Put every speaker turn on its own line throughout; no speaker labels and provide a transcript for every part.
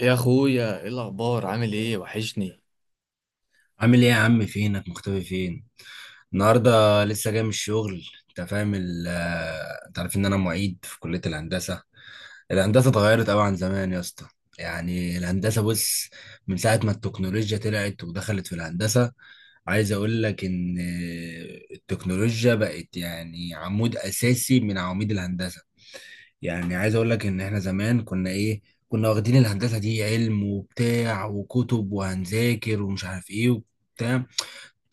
يا اخويا، ايه الاخبار؟ عامل ايه؟ وحشني.
عامل ايه يا عم؟ فينك مختفي فين؟ النهارده لسه جاي من الشغل. انت فاهم انت عارف ان انا معيد في كلية الهندسة. الهندسة اتغيرت قوي عن زمان يا اسطى. يعني الهندسة بص، من ساعة ما التكنولوجيا طلعت ودخلت في الهندسة، عايز اقول لك ان التكنولوجيا بقت يعني عمود اساسي من عواميد الهندسة. يعني عايز اقول لك ان احنا زمان كنا ايه، كنا واخدين الهندسة دي علم وبتاع وكتب وهنذاكر ومش عارف ايه وبتاع.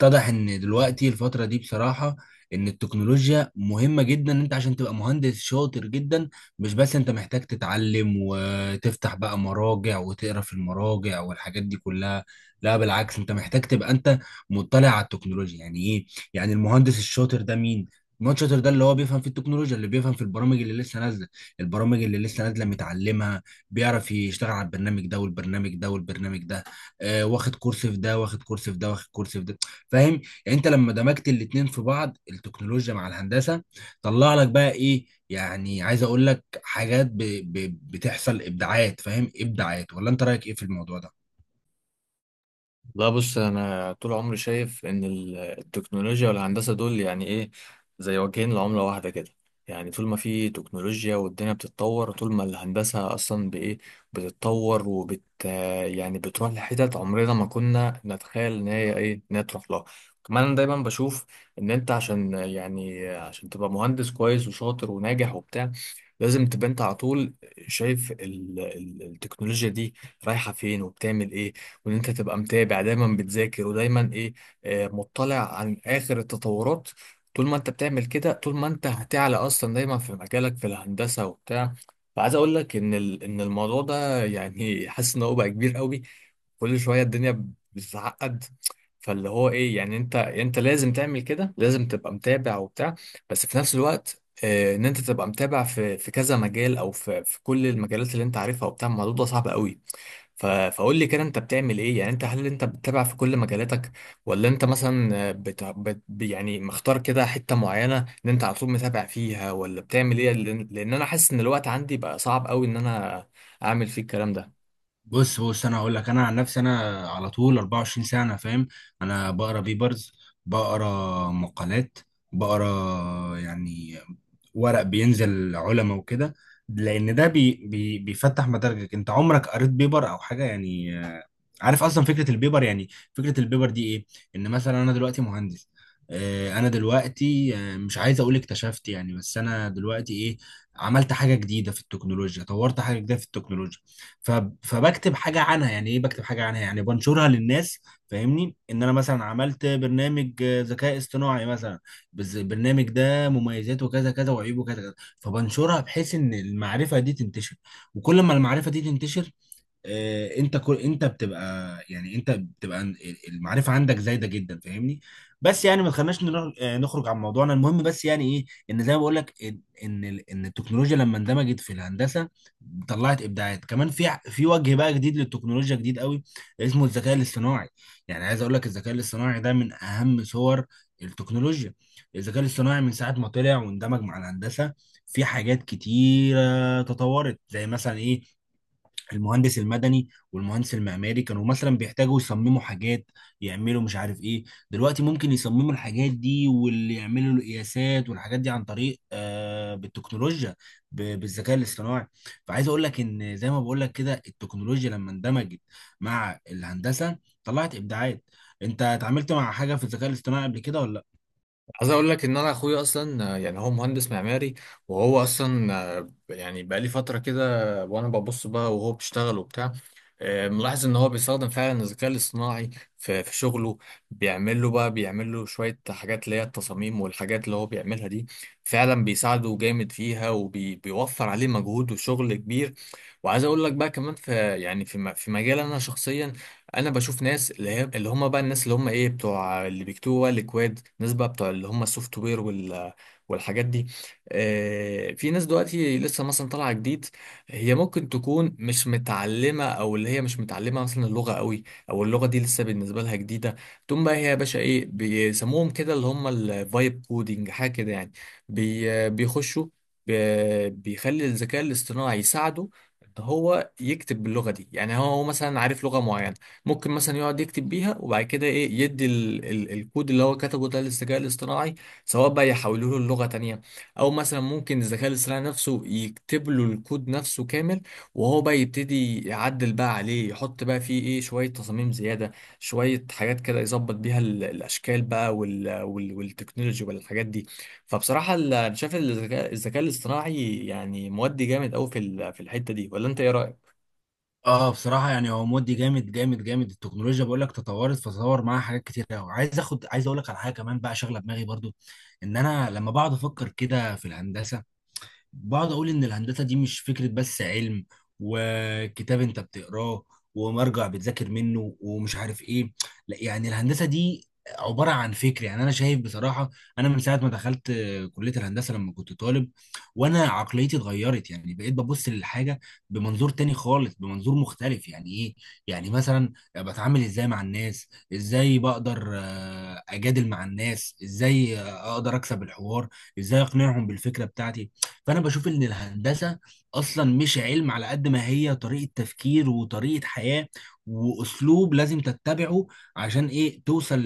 اتضح ان دلوقتي الفتره دي بصراحه ان التكنولوجيا مهمه جدا، ان انت عشان تبقى مهندس شاطر جدا مش بس انت محتاج تتعلم وتفتح بقى مراجع وتقرا في المراجع والحاجات دي كلها. لا بالعكس، انت محتاج تبقى انت مطلع على التكنولوجيا. يعني ايه يعني المهندس الشاطر ده مين؟ المهندس الشاطر ده اللي هو بيفهم في التكنولوجيا، اللي بيفهم في البرامج اللي لسه نازله، البرامج اللي لسه نازله متعلمها، بيعرف يشتغل على البرنامج ده والبرنامج ده والبرنامج ده. آه، واخد كورس في ده واخد كورس في ده واخد كورس في ده. فاهم؟ يعني انت لما دمجت الاتنين في بعض، التكنولوجيا مع الهندسه، طلع لك بقى ايه؟ يعني عايز اقول لك حاجات بتحصل ابداعات. فاهم؟ ابداعات، ولا انت رايك ايه في الموضوع ده؟
لا، بص، انا طول عمري شايف ان التكنولوجيا والهندسه دول يعني ايه، زي وجهين لعمله واحده كده. يعني طول ما في تكنولوجيا والدنيا بتتطور، طول ما الهندسه اصلا بايه، بتتطور وبت يعني بتروح لحتت عمرنا ما كنا نتخيل ان هي ايه، ان هي تروح لها. كمان انا دايما بشوف ان انت عشان تبقى مهندس كويس وشاطر وناجح وبتاع، لازم تبقى انت على طول شايف التكنولوجيا دي رايحه فين وبتعمل ايه. وان انت تبقى متابع دايما بتذاكر ودايما ايه، مطلع عن اخر التطورات. طول ما انت بتعمل كده، طول ما انت هتعلى اصلا دايما في مجالك في الهندسه وبتاع. فعايز اقول لك ان ان الموضوع ده يعني حاسس ان هو بقى كبير قوي. كل شويه الدنيا بتتعقد. فاللي هو ايه، يعني انت لازم تعمل كده، لازم تبقى متابع وبتاع. بس في نفس الوقت ان انت تبقى متابع في كذا مجال او في كل المجالات اللي انت عارفها وبتاع، الموضوع ده صعب قوي. فقول لي كده، انت بتعمل ايه؟ يعني انت هل انت بتتابع في كل مجالاتك، ولا انت مثلا يعني مختار كده حتة معينة ان انت على طول متابع فيها، ولا بتعمل ايه؟ لأن انا حاسس ان الوقت عندي بقى صعب قوي ان انا اعمل فيه الكلام ده.
بص بص، انا هقول لك. انا عن نفسي انا على طول 24 ساعه، انا فاهم، انا بقرا بيبرز، بقرا مقالات، بقرا يعني ورق بينزل لعلماء وكده، لان ده بي بي بيفتح مداركك. انت عمرك قريت بيبر او حاجه يعني؟ عارف اصلا فكره البيبر يعني؟ فكره البيبر دي ايه؟ ان مثلا انا دلوقتي مهندس، انا دلوقتي مش عايز اقول اكتشفت يعني، بس انا دلوقتي ايه، عملت حاجه جديده في التكنولوجيا، طورت حاجه جديده في التكنولوجيا. ف- فبكتب حاجه عنها. يعني ايه بكتب حاجه عنها؟ يعني بنشرها للناس. فاهمني؟ ان انا مثلا عملت برنامج ذكاء اصطناعي مثلا، بس البرنامج ده ده مميزاته كذا كذا وعيوبه كذا كذا، فبنشرها بحيث ان المعرفه دي تنتشر. وكل ما المعرفه دي تنتشر، انت كل انت بتبقى يعني انت بتبقى المعرفه عندك زايده جدا. فاهمني؟ بس يعني ما تخليناش نخرج عن موضوعنا المهم. بس يعني ايه، ان زي ما بقول لك ان ان التكنولوجيا لما اندمجت في الهندسه طلعت ابداعات، كمان في في وجه بقى جديد للتكنولوجيا جديد قوي اسمه الذكاء الاصطناعي. يعني عايز اقول لك الذكاء الاصطناعي ده من اهم صور التكنولوجيا. الذكاء الاصطناعي من ساعه ما طلع واندمج مع الهندسه في حاجات كتيره تطورت، زي مثلا ايه، المهندس المدني والمهندس المعماري كانوا مثلا بيحتاجوا يصمموا حاجات، يعملوا مش عارف ايه. دلوقتي ممكن يصمموا الحاجات دي واللي يعملوا القياسات والحاجات دي عن طريق آه بالتكنولوجيا، بالذكاء الاصطناعي. فعايز اقول لك ان زي ما بقول لك كده، التكنولوجيا لما اندمجت مع الهندسة طلعت ابداعات. انت اتعاملت مع حاجة في الذكاء الاصطناعي قبل كده ولا لا؟
عايز اقول لك ان انا اخويا اصلا يعني هو مهندس معماري. وهو اصلا يعني بقى لي فتره كده وانا ببص بقى وهو بيشتغل وبتاع. ملاحظ ان هو بيستخدم فعلا الذكاء الاصطناعي في شغله. بيعمل له شويه حاجات اللي هي التصاميم والحاجات اللي هو بيعملها دي، فعلا بيساعده جامد فيها، وبيوفر عليه مجهود وشغل كبير. وعايز اقول لك بقى كمان في، يعني في في مجال، انا شخصيا انا بشوف ناس اللي هي اللي هم بقى، الناس اللي هم ايه، بتوع اللي بيكتبوا بقى الاكواد، ناس بقى بتوع اللي هم السوفت وير وال والحاجات دي. آه، في ناس دلوقتي لسه مثلا طالعه جديد، هي ممكن تكون مش متعلمه، او اللي هي مش متعلمه مثلا اللغه قوي، او اللغه دي لسه بالنسبه لها جديده. تقوم بقى هي يا باشا، ايه بيسموهم كده، اللي هم الفايب كودينج، حاجه كده يعني. بي بيخشوا بيخلي الذكاء الاصطناعي يساعده ان هو يكتب باللغه دي. يعني هو مثلا عارف لغه معينه، ممكن مثلا يقعد يكتب بيها، وبعد كده ايه، يدي ال الكود اللي هو كتبه ده للذكاء الاصطناعي، سواء بقى يحوله له لغة تانية، او مثلا ممكن الذكاء الاصطناعي نفسه يكتب له الكود نفسه كامل. وهو بقى يبتدي يعدل بقى عليه، يحط بقى فيه ايه، شوية تصاميم زيادة، شوية حاجات كده يظبط بيها الاشكال بقى والتكنولوجي والحاجات دي. فبصراحة انا شايف الذكاء الاصطناعي يعني مودي جامد قوي في الحتة دي، ولا انت ايه رأيك؟
اه، بصراحه يعني هو مودي جامد جامد جامد. التكنولوجيا بقول لك تطورت فطور معاها حاجات كتير قوي. عايز اخد عايز اقول لك على حاجه كمان بقى شغله دماغي برضو، ان انا لما بقعد افكر كده في الهندسه، بقعد اقول ان الهندسه دي مش فكره بس علم وكتاب انت بتقراه ومرجع بتذاكر منه ومش عارف ايه. لا، يعني الهندسه دي عباره عن فكر. يعني انا شايف بصراحه انا من ساعه ما دخلت كليه الهندسه لما كنت طالب وانا عقليتي اتغيرت. يعني بقيت ببص للحاجه بمنظور تاني خالص، بمنظور مختلف. يعني ايه؟ يعني مثلا بتعامل ازاي مع الناس، ازاي بقدر اجادل مع الناس، ازاي اقدر اكسب الحوار، ازاي اقنعهم بالفكره بتاعتي. فانا بشوف ان الهندسه اصلا مش علم على قد ما هي طريقه تفكير وطريقه حياه واسلوب لازم تتبعه عشان ايه توصل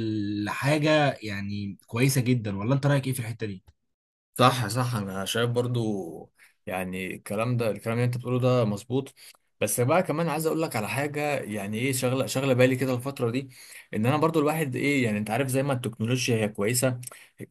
لحاجه يعني كويسه جدا. ولا انت رايك ايه في الحته دي؟
صح، صح، انا شايف برضو، يعني الكلام ده، الكلام اللي انت بتقوله ده مظبوط. بس بقى كمان عايز اقول لك على حاجه، يعني ايه، شغله بالي كده الفتره دي. ان انا برضو الواحد ايه، يعني انت عارف زي ما التكنولوجيا هي كويسه،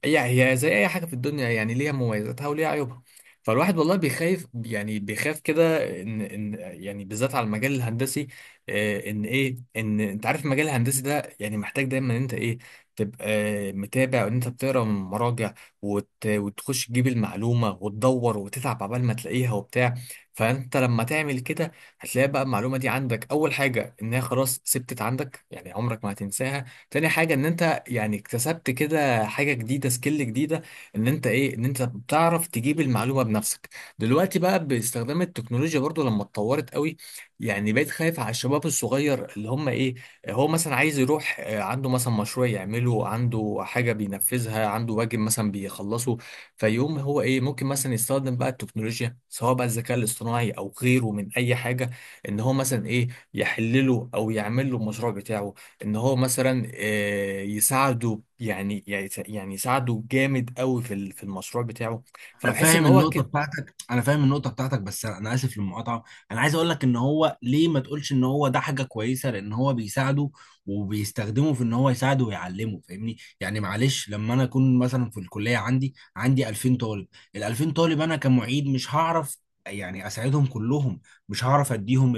هي زي اي حاجه في الدنيا، يعني ليها مميزاتها وليها عيوبها. فالواحد والله بيخاف، يعني بيخاف كده ان يعني بالذات على المجال الهندسي. ان ايه، ان انت عارف المجال الهندسي ده يعني محتاج دايما ان انت ايه، تبقى متابع، وان انت بتقرا من مراجع وتخش تجيب المعلومة وتدور وتتعب عبال ما تلاقيها وبتاع. فأنت لما تعمل كده هتلاقي بقى المعلومة دي عندك، أول حاجة إنها خلاص ثبتت عندك، يعني عمرك ما هتنساها. تاني حاجة إن أنت يعني اكتسبت كده حاجة جديدة، سكيل جديدة، إن أنت إيه، إن أنت بتعرف تجيب المعلومة بنفسك. دلوقتي بقى باستخدام التكنولوجيا برضو لما اتطورت قوي، يعني بقيت خايف على الشباب الصغير، اللي هم إيه، هو مثلا عايز يروح، عنده مثلا مشروع يعمله، عنده حاجة بينفذها، عنده واجب مثلا بيخلصه. فيقوم هو ايه، ممكن مثلا يستخدم بقى التكنولوجيا، سواء بقى الذكاء الاصطناعي او غيره من اي حاجة، ان هو مثلا ايه، يحلله او يعمل له المشروع بتاعه. ان هو مثلا يساعده، يعني يساعده جامد قوي في المشروع بتاعه.
انا
فبحس
فاهم
ان هو.
النقطه بتاعتك، انا فاهم النقطه بتاعتك. بس انا أنا اسف للمقاطعه. انا عايز اقول لك ان هو ليه ما تقولش ان هو ده حاجه كويسه، لان هو بيساعده وبيستخدمه في ان هو يساعده ويعلمه. فاهمني؟ يعني معلش، لما انا اكون مثلا في الكليه عندي 2000 طالب، ال 2000 طالب انا كمعيد مش هعرف يعني اساعدهم كلهم، مش هعرف اديهم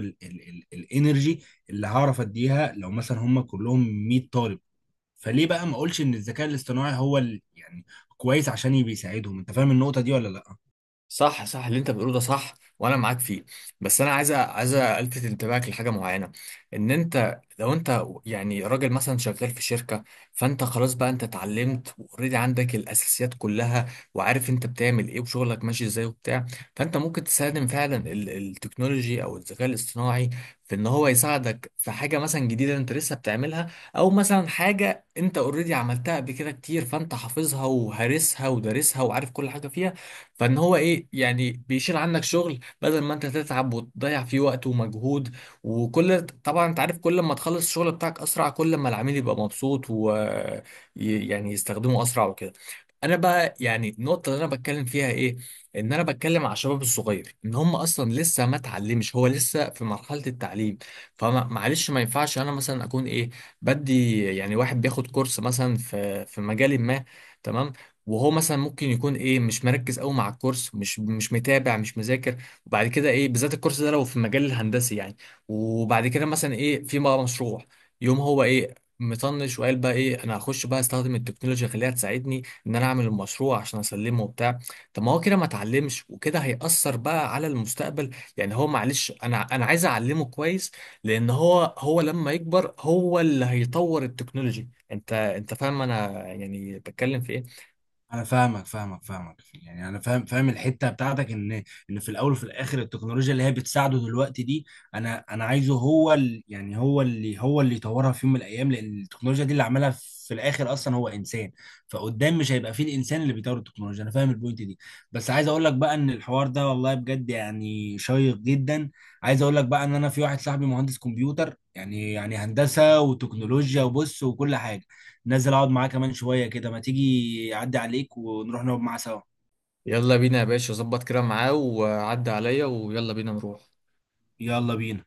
الانرجي اللي هعرف اديها لو مثلا هم كلهم 100 طالب. فليه بقى ما اقولش ان الذكاء الاصطناعي هو يعني كويس عشان بيساعدهم؟ انت فاهم النقطة دي ولا لا؟
صح، صح، اللي انت بتقوله ده صح، وانا معاك فيه. بس انا عايز عايز الفت انتباهك لحاجه معينه. ان انت لو انت يعني راجل مثلا شغال في شركه، فانت خلاص بقى، انت اتعلمت واوريدي عندك الاساسيات كلها، وعارف انت بتعمل ايه وشغلك ماشي ازاي وبتاع. فانت ممكن تستخدم فعلا التكنولوجي او الذكاء الاصطناعي في ان هو يساعدك في حاجه مثلا جديده انت لسه بتعملها، او مثلا حاجه انت اوريدي عملتها قبل كده كتير، فانت حافظها وهارسها ودارسها وعارف كل حاجه فيها. فان هو ايه، يعني بيشيل عنك شغل، بدل ما انت تتعب وتضيع فيه وقت ومجهود. وكل، طبعا انت عارف، كل ما تخلص الشغل بتاعك اسرع، كل ما العميل يبقى مبسوط و يعني يستخدمه اسرع وكده. انا بقى يعني النقطه اللي انا بتكلم فيها ايه، ان انا بتكلم على الشباب الصغير، ان هم اصلا لسه ما اتعلمش، هو لسه في مرحله التعليم. فمعلش، ما ينفعش انا مثلا اكون ايه، بدي يعني واحد بياخد كورس مثلا في مجال ما، تمام، وهو مثلا ممكن يكون ايه، مش مركز قوي مع الكورس، مش متابع، مش مذاكر. وبعد كده ايه، بالذات الكورس ده لو في المجال الهندسي يعني، وبعد كده مثلا ايه، في بقى مشروع، يوم هو ايه، مطنش وقال بقى ايه، انا هخش بقى استخدم التكنولوجيا، خليها تساعدني ان انا اعمل المشروع عشان اسلمه وبتاع. طب ما هو كده ما اتعلمش، وكده هيأثر بقى على المستقبل. يعني هو معلش، انا عايز اعلمه كويس، لان هو لما يكبر هو اللي هيطور التكنولوجي، انت فاهم انا يعني بتكلم في ايه؟
انا فاهمك فاهمك فاهمك. يعني انا فاهم فاهم الحته بتاعتك، ان ان في الاول وفي الاخر التكنولوجيا اللي هي بتساعده دلوقتي دي، انا انا عايزه هو يعني هو اللي يطورها في يوم من الايام، لان التكنولوجيا دي اللي عملها في الاخر اصلا هو انسان. فقدام مش هيبقى فيه الانسان اللي بيطور التكنولوجيا. انا فاهم البوينت دي. بس عايز اقول لك بقى ان الحوار ده والله بجد يعني شيق جدا. عايز اقول لك بقى ان انا في واحد صاحبي مهندس كمبيوتر، يعني يعني هندسه وتكنولوجيا وبص وكل حاجه. نازل اقعد معاه كمان شويه كده، ما تيجي اعدي عليك ونروح نقعد معاه سوا.
يلا بينا يا باشا، ظبط كده معاه وعدي عليا، ويلا بينا نروح.
يلا بينا.